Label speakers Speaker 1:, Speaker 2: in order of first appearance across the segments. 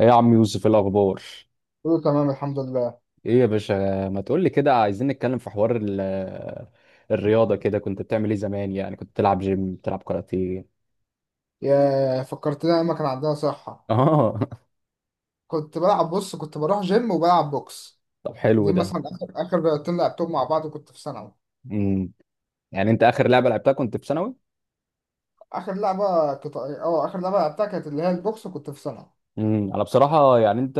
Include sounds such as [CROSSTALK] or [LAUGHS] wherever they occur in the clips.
Speaker 1: ايه يا عم يوسف، إيه الاخبار؟
Speaker 2: كله تمام الحمد لله.
Speaker 1: ايه يا باشا؟ ما تقول لي كده، عايزين نتكلم في حوار الرياضه. كده كنت بتعمل ايه زمان؟ يعني كنت بتلعب جيم، بتلعب كاراتيه؟
Speaker 2: يا فكرتني ايام ما كان عندنا صحة.
Speaker 1: اه. [LAUGHS]
Speaker 2: كنت بلعب، بص كنت بروح جيم وبلعب بوكس.
Speaker 1: طب حلو
Speaker 2: دي
Speaker 1: ده.
Speaker 2: مثلا اخر اخر لعبتين لعبتهم مع بعض، كنت في ثانوي.
Speaker 1: امم. يعني انت اخر لعبه لعبتها كنت في ثانوي؟
Speaker 2: اخر لعبة لعبتها كانت اللي هي البوكس، وكنت في ثانوي.
Speaker 1: امم، انا بصراحه يعني انت،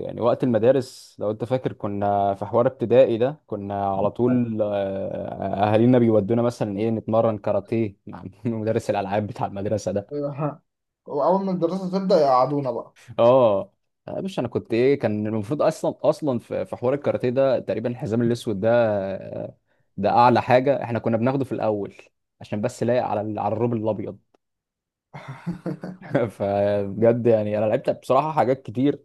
Speaker 1: يعني وقت المدارس لو انت فاكر كنا في حوار ابتدائي ده، كنا على طول اهالينا بيودونا مثلا ايه، نتمرن كاراتيه مع [LAUGHS] مدرس الالعاب بتاع المدرسه ده.
Speaker 2: أيوة. واول ما الدراسة تبدأ يقعدونا بقى.
Speaker 1: اه، مش انا كنت ايه، كان المفروض اصلا في حوار الكاراتيه ده تقريبا الحزام الاسود ده، آه، ده اعلى حاجه احنا كنا بناخده في الاول، عشان بس لايق على على الروب الابيض. [LAUGHS] فبجد يعني انا لعبت بصراحه حاجات كتير.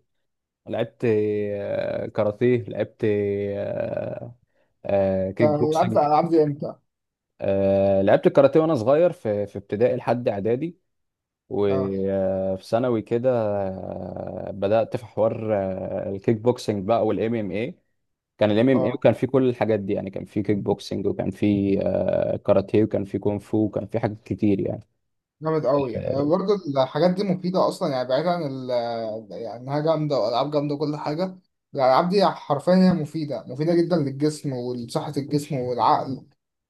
Speaker 1: لعبت كاراتيه، لعبت
Speaker 2: انت
Speaker 1: كيك
Speaker 2: لعبت
Speaker 1: بوكسنج.
Speaker 2: الالعاب دي امتى؟
Speaker 1: لعبت الكاراتيه وانا صغير في ابتدائي لحد اعدادي،
Speaker 2: اه،
Speaker 1: وفي ثانوي كده بدأت في حوار الكيك بوكسنج بقى والام ام اي. كان الام ام اي،
Speaker 2: اه
Speaker 1: وكان في كل الحاجات دي يعني، كان في كيك بوكسنج، وكان في كاراتيه، وكان في كونغ فو، وكان في حاجات كتير يعني.
Speaker 2: جامد قوي. برضه الحاجات دي مفيدة أصلا، يعني بعيد عن يعني إنها جامدة وألعاب جامدة وكل حاجة. الألعاب دي حرفيا هي مفيدة مفيدة جدا للجسم ولصحة الجسم والعقل.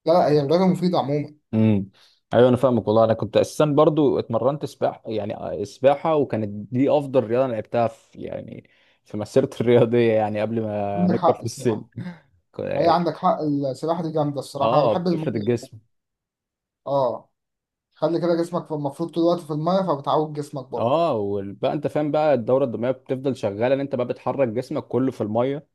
Speaker 2: لا لا، هي رياضة مفيدة عموما.
Speaker 1: امم، ايوه انا فاهمك والله. انا كنت اساسا برضو اتمرنت سباحه، يعني سباحه، وكانت دي افضل رياضه انا لعبتها في، يعني في مسيرتي [LAUGHS] الرياضيه يعني قبل ما
Speaker 2: عندك
Speaker 1: نكبر
Speaker 2: حق
Speaker 1: في السن.
Speaker 2: الصراحة. هي
Speaker 1: ك-
Speaker 2: عندك حق، السباحة دي جامدة الصراحة، أنا
Speaker 1: اه،
Speaker 2: بحب المية.
Speaker 1: بتفرد الجسم.
Speaker 2: اه. خلي كده جسمك المفروض طول الوقت في المية، فبتعود جسمك برضه.
Speaker 1: اه، وبقى انت فاهم بقى الدوره الدمويه بتفضل شغاله، ان انت بقى بتحرك جسمك كله في الميه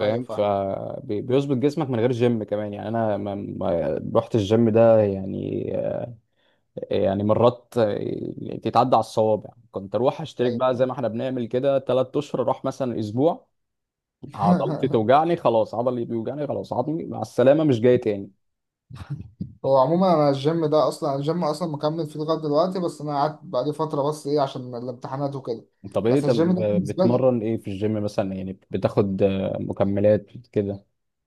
Speaker 2: أيوة فاهم.
Speaker 1: فبيظبط جسمك من غير جيم كمان يعني. انا ما رحت الجيم ده يعني، يعني مرات تتعدى على الصوابع. كنت اروح اشترك
Speaker 2: أيوة.
Speaker 1: بقى زي ما احنا بنعمل كده ثلاث اشهر، اروح مثلا اسبوع، عضلتي
Speaker 2: [LAUGHS]
Speaker 1: توجعني خلاص، عضلي بيوجعني خلاص، عضلي مع السلامه مش جاي تاني.
Speaker 2: هو عموما انا الجيم ده اصلا، الجيم اصلا مكمل فيه لغايه دلوقتي، بس انا قعدت بقالي فتره، بس ايه عشان الامتحانات وكده.
Speaker 1: طب ايه؟
Speaker 2: بس
Speaker 1: طب
Speaker 2: الجيم ده بالنسبه لي.
Speaker 1: بتمرن ايه في الجيم مثلا؟ يعني بتاخد مكملات كده؟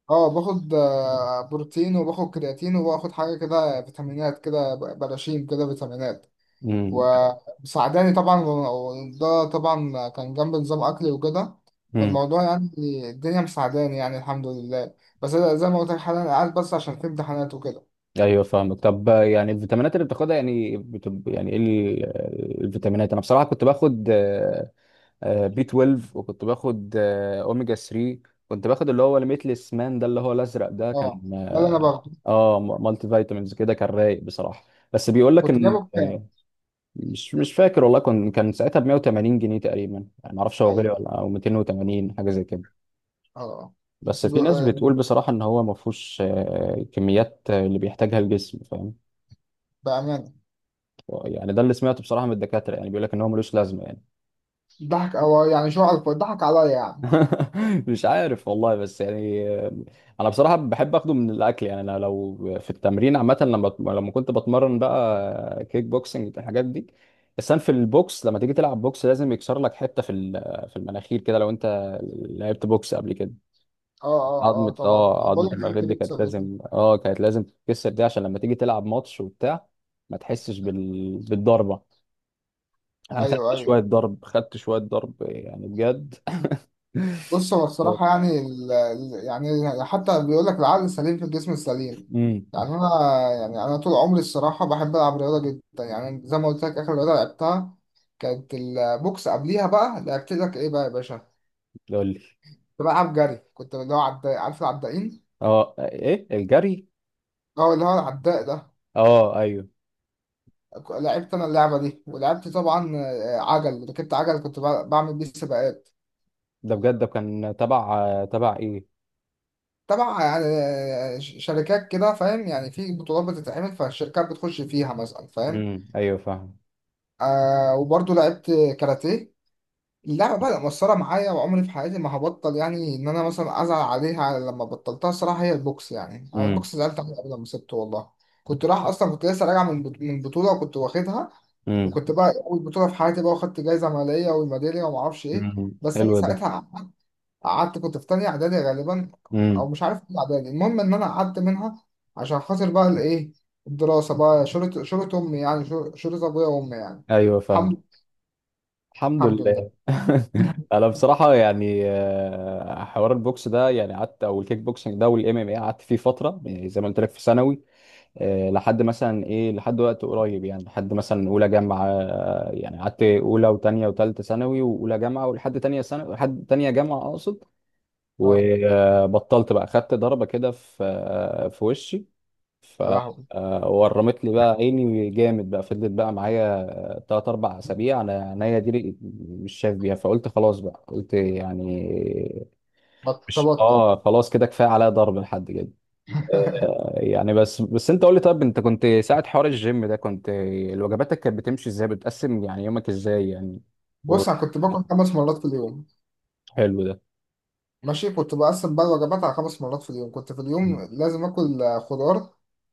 Speaker 2: اه، باخد بروتين وباخد كرياتين وباخد حاجه كده فيتامينات، كده براشيم كده فيتامينات.
Speaker 1: امم.
Speaker 2: ومساعداني طبعا، وده طبعا كان جنب نظام اكلي وكده.
Speaker 1: امم.
Speaker 2: فالموضوع يعني، الدنيا مساعداني يعني الحمد لله. بس أنا زي ما قلت لك حاليا قاعد، بس عشان في امتحانات وكده.
Speaker 1: ايوه فاهمك. طب يعني الفيتامينات اللي بتاخدها يعني يعني ايه الفيتامينات؟ انا بصراحه كنت باخد بي 12، وكنت باخد اوميجا 3. كنت باخد اللي هو الميتلس مان ده، اللي هو الازرق ده
Speaker 2: اه،
Speaker 1: كان.
Speaker 2: ده اللي انا باخده.
Speaker 1: اه، مالتي فيتامينز كده كان رايق بصراحه، بس بيقول لك
Speaker 2: كنت
Speaker 1: ان
Speaker 2: جايبه بكام؟
Speaker 1: مش فاكر والله. كان ساعتها ب 180 جنيه تقريبا يعني، ما اعرفش هو غالي
Speaker 2: ايوه.
Speaker 1: ولا، او 280 حاجه زي كده.
Speaker 2: اه،
Speaker 1: بس
Speaker 2: بس
Speaker 1: في ناس بتقول بصراحه ان هو ما فيهوش كميات اللي بيحتاجها الجسم
Speaker 2: بأمانة.
Speaker 1: يعني. ده اللي سمعته بصراحة من الدكاترة، يعني بيقول لك ان هو ملوش لازمة يعني.
Speaker 2: ضحك، أو يعني شو عارف، ضحك عليا يعني.
Speaker 1: [LAUGHS] مش عارف والله، بس يعني انا بصراحة بحب اخده من الاكل يعني. انا لو في التمرين عامة لما لما كنت بتمرن بقى كيك بوكسنج الحاجات دي، السن في البوكس لما تيجي تلعب بوكس لازم يكسر لك حتة في في المناخير كده. لو انت لعبت بوكس قبل كده،
Speaker 2: اه اه اه،
Speaker 1: عظمة،
Speaker 2: طبعا
Speaker 1: اه،
Speaker 2: بقول
Speaker 1: عظمة
Speaker 2: لك
Speaker 1: المناخير
Speaker 2: ممكن
Speaker 1: دي كانت
Speaker 2: يكسب ده كله.
Speaker 1: لازم، اه، كانت لازم تتكسر دي، عشان لما تيجي تلعب ماتش وبتاع ما تحسش بالضربة. انا خدت
Speaker 2: ايوه
Speaker 1: شويه
Speaker 2: ايوه.
Speaker 1: ضرب، خدت شويه ضرب يعني بجد.
Speaker 2: بص، هو الصراحة
Speaker 1: [LAUGHS]
Speaker 2: يعني يعني حتى بيقول لك العقل السليم في الجسم السليم.
Speaker 1: امم.
Speaker 2: يعني أنا، يعني أنا طول عمري الصراحة بحب ألعب رياضة جدا، يعني زي ما قلت لك آخر رياضة لعبتها كانت البوكس. قبليها بقى لعبت لك إيه بقى يا باشا؟
Speaker 1: قول لي.
Speaker 2: كنت بلعب جري، كنت اللي هو عداء، عارف العدائين؟
Speaker 1: اه، ايه الجري؟
Speaker 2: اه، اللي هو العداء ده.
Speaker 1: اه، ايوه.
Speaker 2: لعبت انا اللعبه دي، ولعبت طبعا عجل، ركبت عجل كنت بعمل بيه سباقات.
Speaker 1: ده بجد ده، كان تبع ايه؟
Speaker 2: طبعا يعني شركات كده، فاهم، يعني في بطولات بتتعمل فالشركات بتخش فيها مثلا، فاهم.
Speaker 1: امم، ايوه فاهم.
Speaker 2: آه، وبرضه لعبت كاراتيه. اللعبه بقى مؤثره معايا، وعمري في حياتي ما هبطل يعني، ان انا مثلا ازعل عليها لما بطلتها الصراحه هي البوكس، يعني أنا
Speaker 1: امم.
Speaker 2: البوكس زعلت عليها قبل ما سبته والله. كنت رايح اصلا، كنت لسه راجع من بطوله وكنت واخدها.
Speaker 1: امم.
Speaker 2: وكنت بقى اول بطوله في حياتي بقى، وخدت جايزه ماليه والميداليه وما اعرفش ايه.
Speaker 1: امم،
Speaker 2: بس انا
Speaker 1: حلو ده.
Speaker 2: ساعتها قعدت. كنت في تانية اعدادي غالبا، او
Speaker 1: امم،
Speaker 2: مش عارف ايه اعدادي، المهم ان انا قعدت منها عشان خاطر بقى الايه، الدراسه بقى شرط شرط امي يعني، شرط ابويا وامي يعني.
Speaker 1: ايوه فاهم.
Speaker 2: الحمد.
Speaker 1: الحمد
Speaker 2: الحمد لله.
Speaker 1: لله. [LAUGHS]
Speaker 2: [LAUGHS]
Speaker 1: انا بصراحه يعني حوار البوكس ده يعني قعدت، او الكيك بوكسنج ده والام ام اي قعدت فيه فتره، يعني زي ما قلت لك في ثانوي. لحد مثلا ايه، لحد وقت قريب يعني، لحد مثلا اولى جامعه، يعني قعدت اولى وتانية وتالتة ثانوي واولى جامعه، ولحد تانية ثانوي، لحد تانية جامعه اقصد.
Speaker 2: اه
Speaker 1: وبطلت بقى، خدت ضربه كده في، في وشي. ف،
Speaker 2: يا لهوي.
Speaker 1: ورمت لي بقى عيني جامد، بقى فضلت بقى معايا تلات أربع أسابيع، أنا عينيا دي مش شايف بيها، فقلت خلاص بقى، قلت يعني مش،
Speaker 2: تبطل.
Speaker 1: آه، خلاص كده، كفاية عليا ضرب لحد كده.
Speaker 2: [LAUGHS]
Speaker 1: يعني بس، بس انت قول لي، طب انت كنت ساعة حوار الجيم ده، كنت وجباتك كانت بتمشي ازاي؟ بتقسم يعني يومك ازاي يعني؟ و...
Speaker 2: بص، انا كنت باكل 5 مرات في اليوم.
Speaker 1: حلو ده.
Speaker 2: ماشي، كنت بقسم بقى الوجبات على 5 مرات في اليوم، كنت في اليوم لازم آكل خضار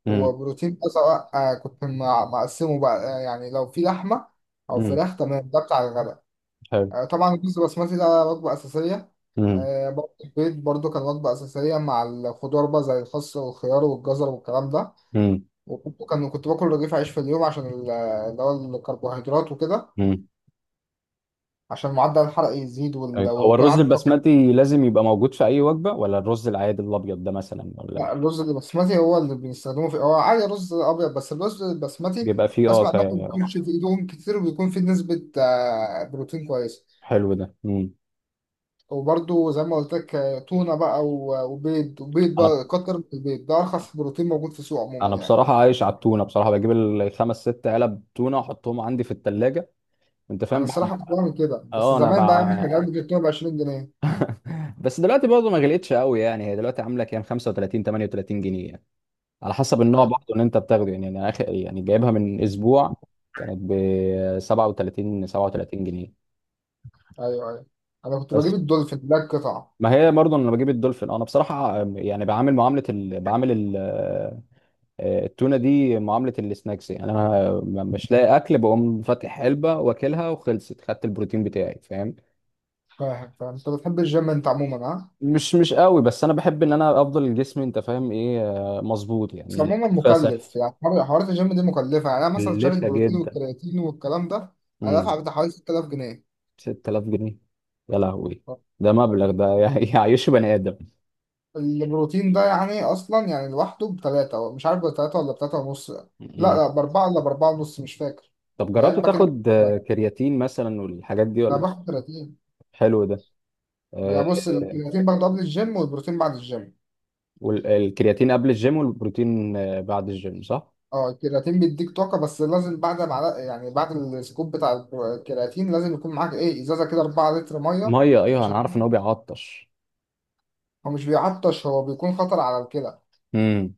Speaker 1: امم.
Speaker 2: وبروتين أزرق، كنت مقسمه بقى، يعني لو في لحمة أو
Speaker 1: امم.
Speaker 2: فراخ تمام ده بتاع الغداء.
Speaker 1: حلو.
Speaker 2: طبعا الرز البسمتي ده وجبة أساسية.
Speaker 1: امم.
Speaker 2: برضه البيض برضه كان وجبة أساسية مع الخضار بقى، زي الخس والخيار والجزر والكلام ده.
Speaker 1: امم.
Speaker 2: وكنت كان كنت باكل رغيف عيش في اليوم عشان اللي هو الكربوهيدرات وكده،
Speaker 1: امم.
Speaker 2: عشان معدل الحرق يزيد
Speaker 1: أيوة. هو
Speaker 2: ويكون
Speaker 1: الرز
Speaker 2: عندي طاقة.
Speaker 1: البسمتي لازم يبقى موجود في اي وجبة، ولا الرز العادي الابيض ده مثلا، ولا
Speaker 2: لا، الرز البسمتي هو اللي بيستخدموه في، هو عادي رز ابيض، بس الرز البسمتي
Speaker 1: بيبقى فيه اه
Speaker 2: بسمع انه ما بيكونش في ايدهم كتير، وبيكون في نسبة بروتين كويسة.
Speaker 1: حلو ده. امم.
Speaker 2: وبرده زي ما قلت لك تونة بقى وبيض،
Speaker 1: انا،
Speaker 2: بقى كتر من البيض ده ارخص بروتين موجود في السوق عموما
Speaker 1: انا
Speaker 2: يعني.
Speaker 1: بصراحة عايش على التونة بصراحة، بجيب الخمس ست علب تونة احطهم عندي في التلاجة، انت
Speaker 2: انا
Speaker 1: فاهم، بحب.
Speaker 2: الصراحة كنت بعمل كده، بس
Speaker 1: اه، انا
Speaker 2: زمان بقى احنا كنا بنجيب ب 20 جنيه.
Speaker 1: بس دلوقتي برضه ما غلقتش قوي يعني، هي دلوقتي عامله كام، 35، 38 جنيه يعني، على حسب النوع
Speaker 2: ايوه
Speaker 1: برضه اللي انت بتاخده يعني. انا اخر يعني جايبها من اسبوع، كانت ب 37 جنيه.
Speaker 2: ايوه ايوه. انا كنت
Speaker 1: بس
Speaker 2: بجيب الدولفين ده القطع.
Speaker 1: ما هي برضه انا بجيب الدولفين. انا بصراحه يعني بعامل معامله بعامل التونه دي معامله السناكس يعني. انا مش لاقي اكل، بقوم فاتح علبه واكلها وخلصت، خدت البروتين بتاعي فاهم.
Speaker 2: فاهم؟ فانت بتحب الجيم انت عموما.
Speaker 1: مش قوي، بس انا بحب ان انا افضل جسمي، انت فاهم ايه، مظبوط
Speaker 2: بس
Speaker 1: يعني،
Speaker 2: عموما
Speaker 1: فاصح.
Speaker 2: مكلف، يعني حوارات الجيم دي مكلفة، يعني أنا مثلا شاري
Speaker 1: لفة
Speaker 2: البروتين
Speaker 1: جدا.
Speaker 2: والكرياتين والكلام ده. أنا
Speaker 1: امم.
Speaker 2: دافع بتاع حوالي 6,000 جنيه.
Speaker 1: 6,000 جنيه! يا لهوي! ده مبلغ ده [LAUGHS] يعيش بني آدم.
Speaker 2: البروتين ده يعني أصلا يعني لوحده بتلاتة، مش عارف بتلاتة ولا بتلاتة ونص، لا
Speaker 1: امم.
Speaker 2: لا بأربعة ولا بأربعة ونص، مش فاكر.
Speaker 1: طب جربت
Speaker 2: العلبة كده.
Speaker 1: تاخد كرياتين مثلا والحاجات دي
Speaker 2: أنا
Speaker 1: ولا؟
Speaker 2: باخد كرياتين.
Speaker 1: حلو ده. آه،
Speaker 2: يعني بص، الكرياتين باخده قبل الجيم، والبروتين بعد الجيم.
Speaker 1: والكرياتين قبل الجيم والبروتين بعد الجيم صح؟
Speaker 2: اه، الكرياتين بيديك طاقة، بس لازم بعد معلقة، يعني بعد السكوب بتاع الكرياتين لازم يكون معاك ايه، ازازة كده 4 لتر مية.
Speaker 1: ميه، ايوه انا
Speaker 2: عشان،
Speaker 1: عارف ان هو بيعطش.
Speaker 2: هو مش بيعطش، هو بيكون خطر على الكلى،
Speaker 1: امم.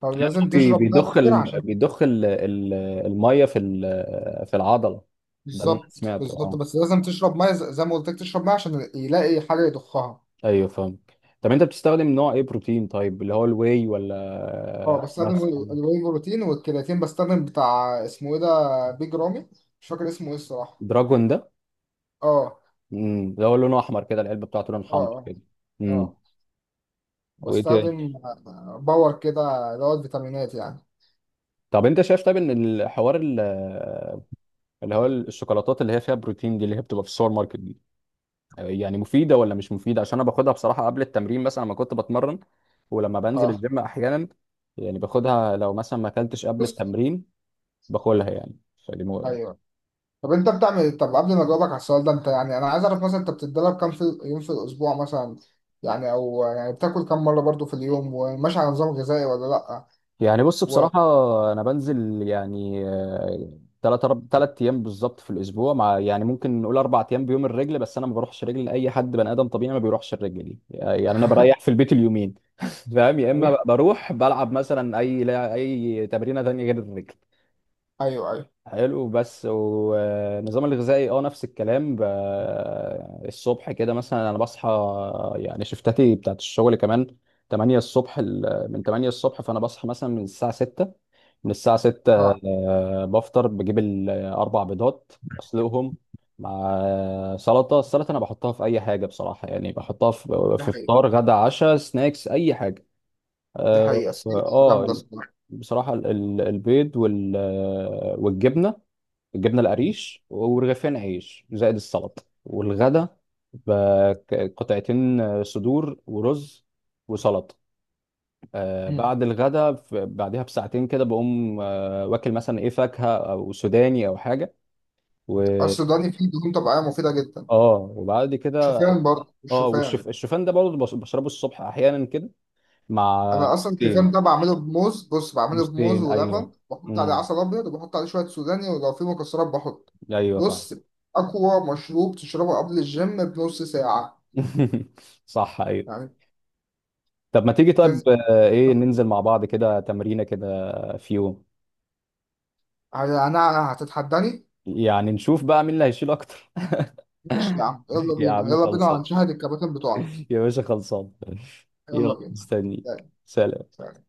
Speaker 2: فلازم تشرب ميه
Speaker 1: بيضخ
Speaker 2: كتير عشان.
Speaker 1: بيضخ الميه في في العضله. ده اللي انا
Speaker 2: بالظبط.
Speaker 1: سمعته
Speaker 2: بالظبط،
Speaker 1: اه.
Speaker 2: بس لازم تشرب ميه زي ما قلت لك تشرب ميه عشان يلاقي حاجه يضخها.
Speaker 1: ايوه فاهم. طب انت بتستخدم نوع ايه بروتين طيب؟ اللي هو الواي،
Speaker 2: اه،
Speaker 1: ولا
Speaker 2: بستخدم
Speaker 1: مثلا
Speaker 2: الواي بروتين، والكرياتين بستخدم بتاع اسمه ايه ده، بيج رامي. مش فاكر اسمه ايه الصراحه.
Speaker 1: دراجون ده؟
Speaker 2: اه
Speaker 1: امم. ده هو لونه احمر كده، العلبه بتاعته لون
Speaker 2: اه
Speaker 1: حمر
Speaker 2: اه
Speaker 1: كده. امم.
Speaker 2: اه.
Speaker 1: وايه تاني؟
Speaker 2: بستخدم باور كده اللي هو الفيتامينات يعني.
Speaker 1: طب انت شايف طيب ان الحوار اللي هو الشوكولاتات اللي هي فيها بروتين دي، اللي هي بتبقى في السوبر ماركت دي، يعني مفيده ولا مش مفيده؟ عشان انا باخدها بصراحه قبل التمرين مثلا لما كنت بتمرن، ولما بنزل
Speaker 2: اه.
Speaker 1: الجيم احيانا يعني، باخدها لو مثلا ما اكلتش قبل
Speaker 2: بص.
Speaker 1: التمرين، باكلها يعني.
Speaker 2: ايوه. طب انت بتعمل ايه؟ طب قبل ما اجاوبك على السؤال ده، انت يعني، انا عايز اعرف مثلا انت بتتدرب كام في يوم في الاسبوع مثلا، يعني او يعني بتاكل كام مره برضو في اليوم وماشي على نظام غذائي ولا لا.
Speaker 1: يعني بص
Speaker 2: و...
Speaker 1: بصراحة، أنا بنزل يعني ثلاث ثلاث أيام بالظبط في الأسبوع، مع يعني ممكن نقول أربع أيام بيوم الرجل. بس أنا ما بروحش رجل، لأي حد بني آدم طبيعي ما بيروحش الرجل دي يعني. أنا اه بريح في البيت اليومين. [LAUGHS] فاهم، يا إما
Speaker 2: ايوه
Speaker 1: بروح بلعب مثلا أي، لا، أي تمرينة تانية غير الرجل.
Speaker 2: ايوه ايوه،
Speaker 1: حلو. بس والنظام الغذائي أه نفس الكلام. الصبح كده مثلا أنا بصحى، يعني شفتاتي بتاعت الشغل كمان 8 الصبح. من 8 الصبح، فأنا بصحى مثلا من الساعة 6، من الساعة 6
Speaker 2: اه.
Speaker 1: بفطر، بجيب الأربع بيضات، أسلقهم مع سلطة. السلطة أنا بحطها في أي حاجة بصراحة، يعني بحطها في
Speaker 2: ده
Speaker 1: في
Speaker 2: حقيقي.
Speaker 1: فطار، غدا، عشاء، سناكس، أي حاجة.
Speaker 2: ده
Speaker 1: آه
Speaker 2: حقيقي، أصل هي
Speaker 1: آه،
Speaker 2: جامده الصراحه.
Speaker 1: بصراحة البيض والجبنة، الجبنة القريش ورغيفين عيش زائد السلطة. والغدا بقطعتين صدور ورز وسلطة.
Speaker 2: أمم.
Speaker 1: بعد الغداء، بعدها بساعتين كده بقوم واكل مثلا ايه، فاكهة او سوداني او حاجة. و
Speaker 2: اصل السوداني فيه دهون طبيعيه مفيده جدا.
Speaker 1: اه وبعد كده
Speaker 2: شوفان، برضو
Speaker 1: اه،
Speaker 2: الشوفان.
Speaker 1: الشوفان ده برضه بشربه الصبح احيانا كده، مع
Speaker 2: انا اصلا الشوفان
Speaker 1: موزتين.
Speaker 2: ده بعمله بموز، بص بعمله بموز
Speaker 1: موزتين، ايوه.
Speaker 2: ولبن، بحط عليه
Speaker 1: امم،
Speaker 2: عسل ابيض، وبحط عليه شويه سوداني، ولو في مكسرات بحط.
Speaker 1: ايوه فعلا.
Speaker 2: بص، اقوى مشروب تشربه قبل الجيم بنص ساعه.
Speaker 1: [LAUGHS] صح ايوه.
Speaker 2: يعني.
Speaker 1: طب ما تيجي طيب
Speaker 2: تنزل.
Speaker 1: ايه، ننزل
Speaker 2: تحدي.
Speaker 1: مع بعض كده تمرينة كده في يوم،
Speaker 2: انا هتتحداني.
Speaker 1: يعني نشوف بقى مين اللي هيشيل اكتر. [LAUGHS]
Speaker 2: ماشي يا عم، يلا
Speaker 1: يا
Speaker 2: بينا
Speaker 1: عم
Speaker 2: يلا بينا،
Speaker 1: خلصان.
Speaker 2: هنشاهد الكباتن بتوعنا.
Speaker 1: [LAUGHS] يا باشا خلصان. يلا
Speaker 2: يلا بينا.
Speaker 1: مستنيك، سلام.
Speaker 2: يلا.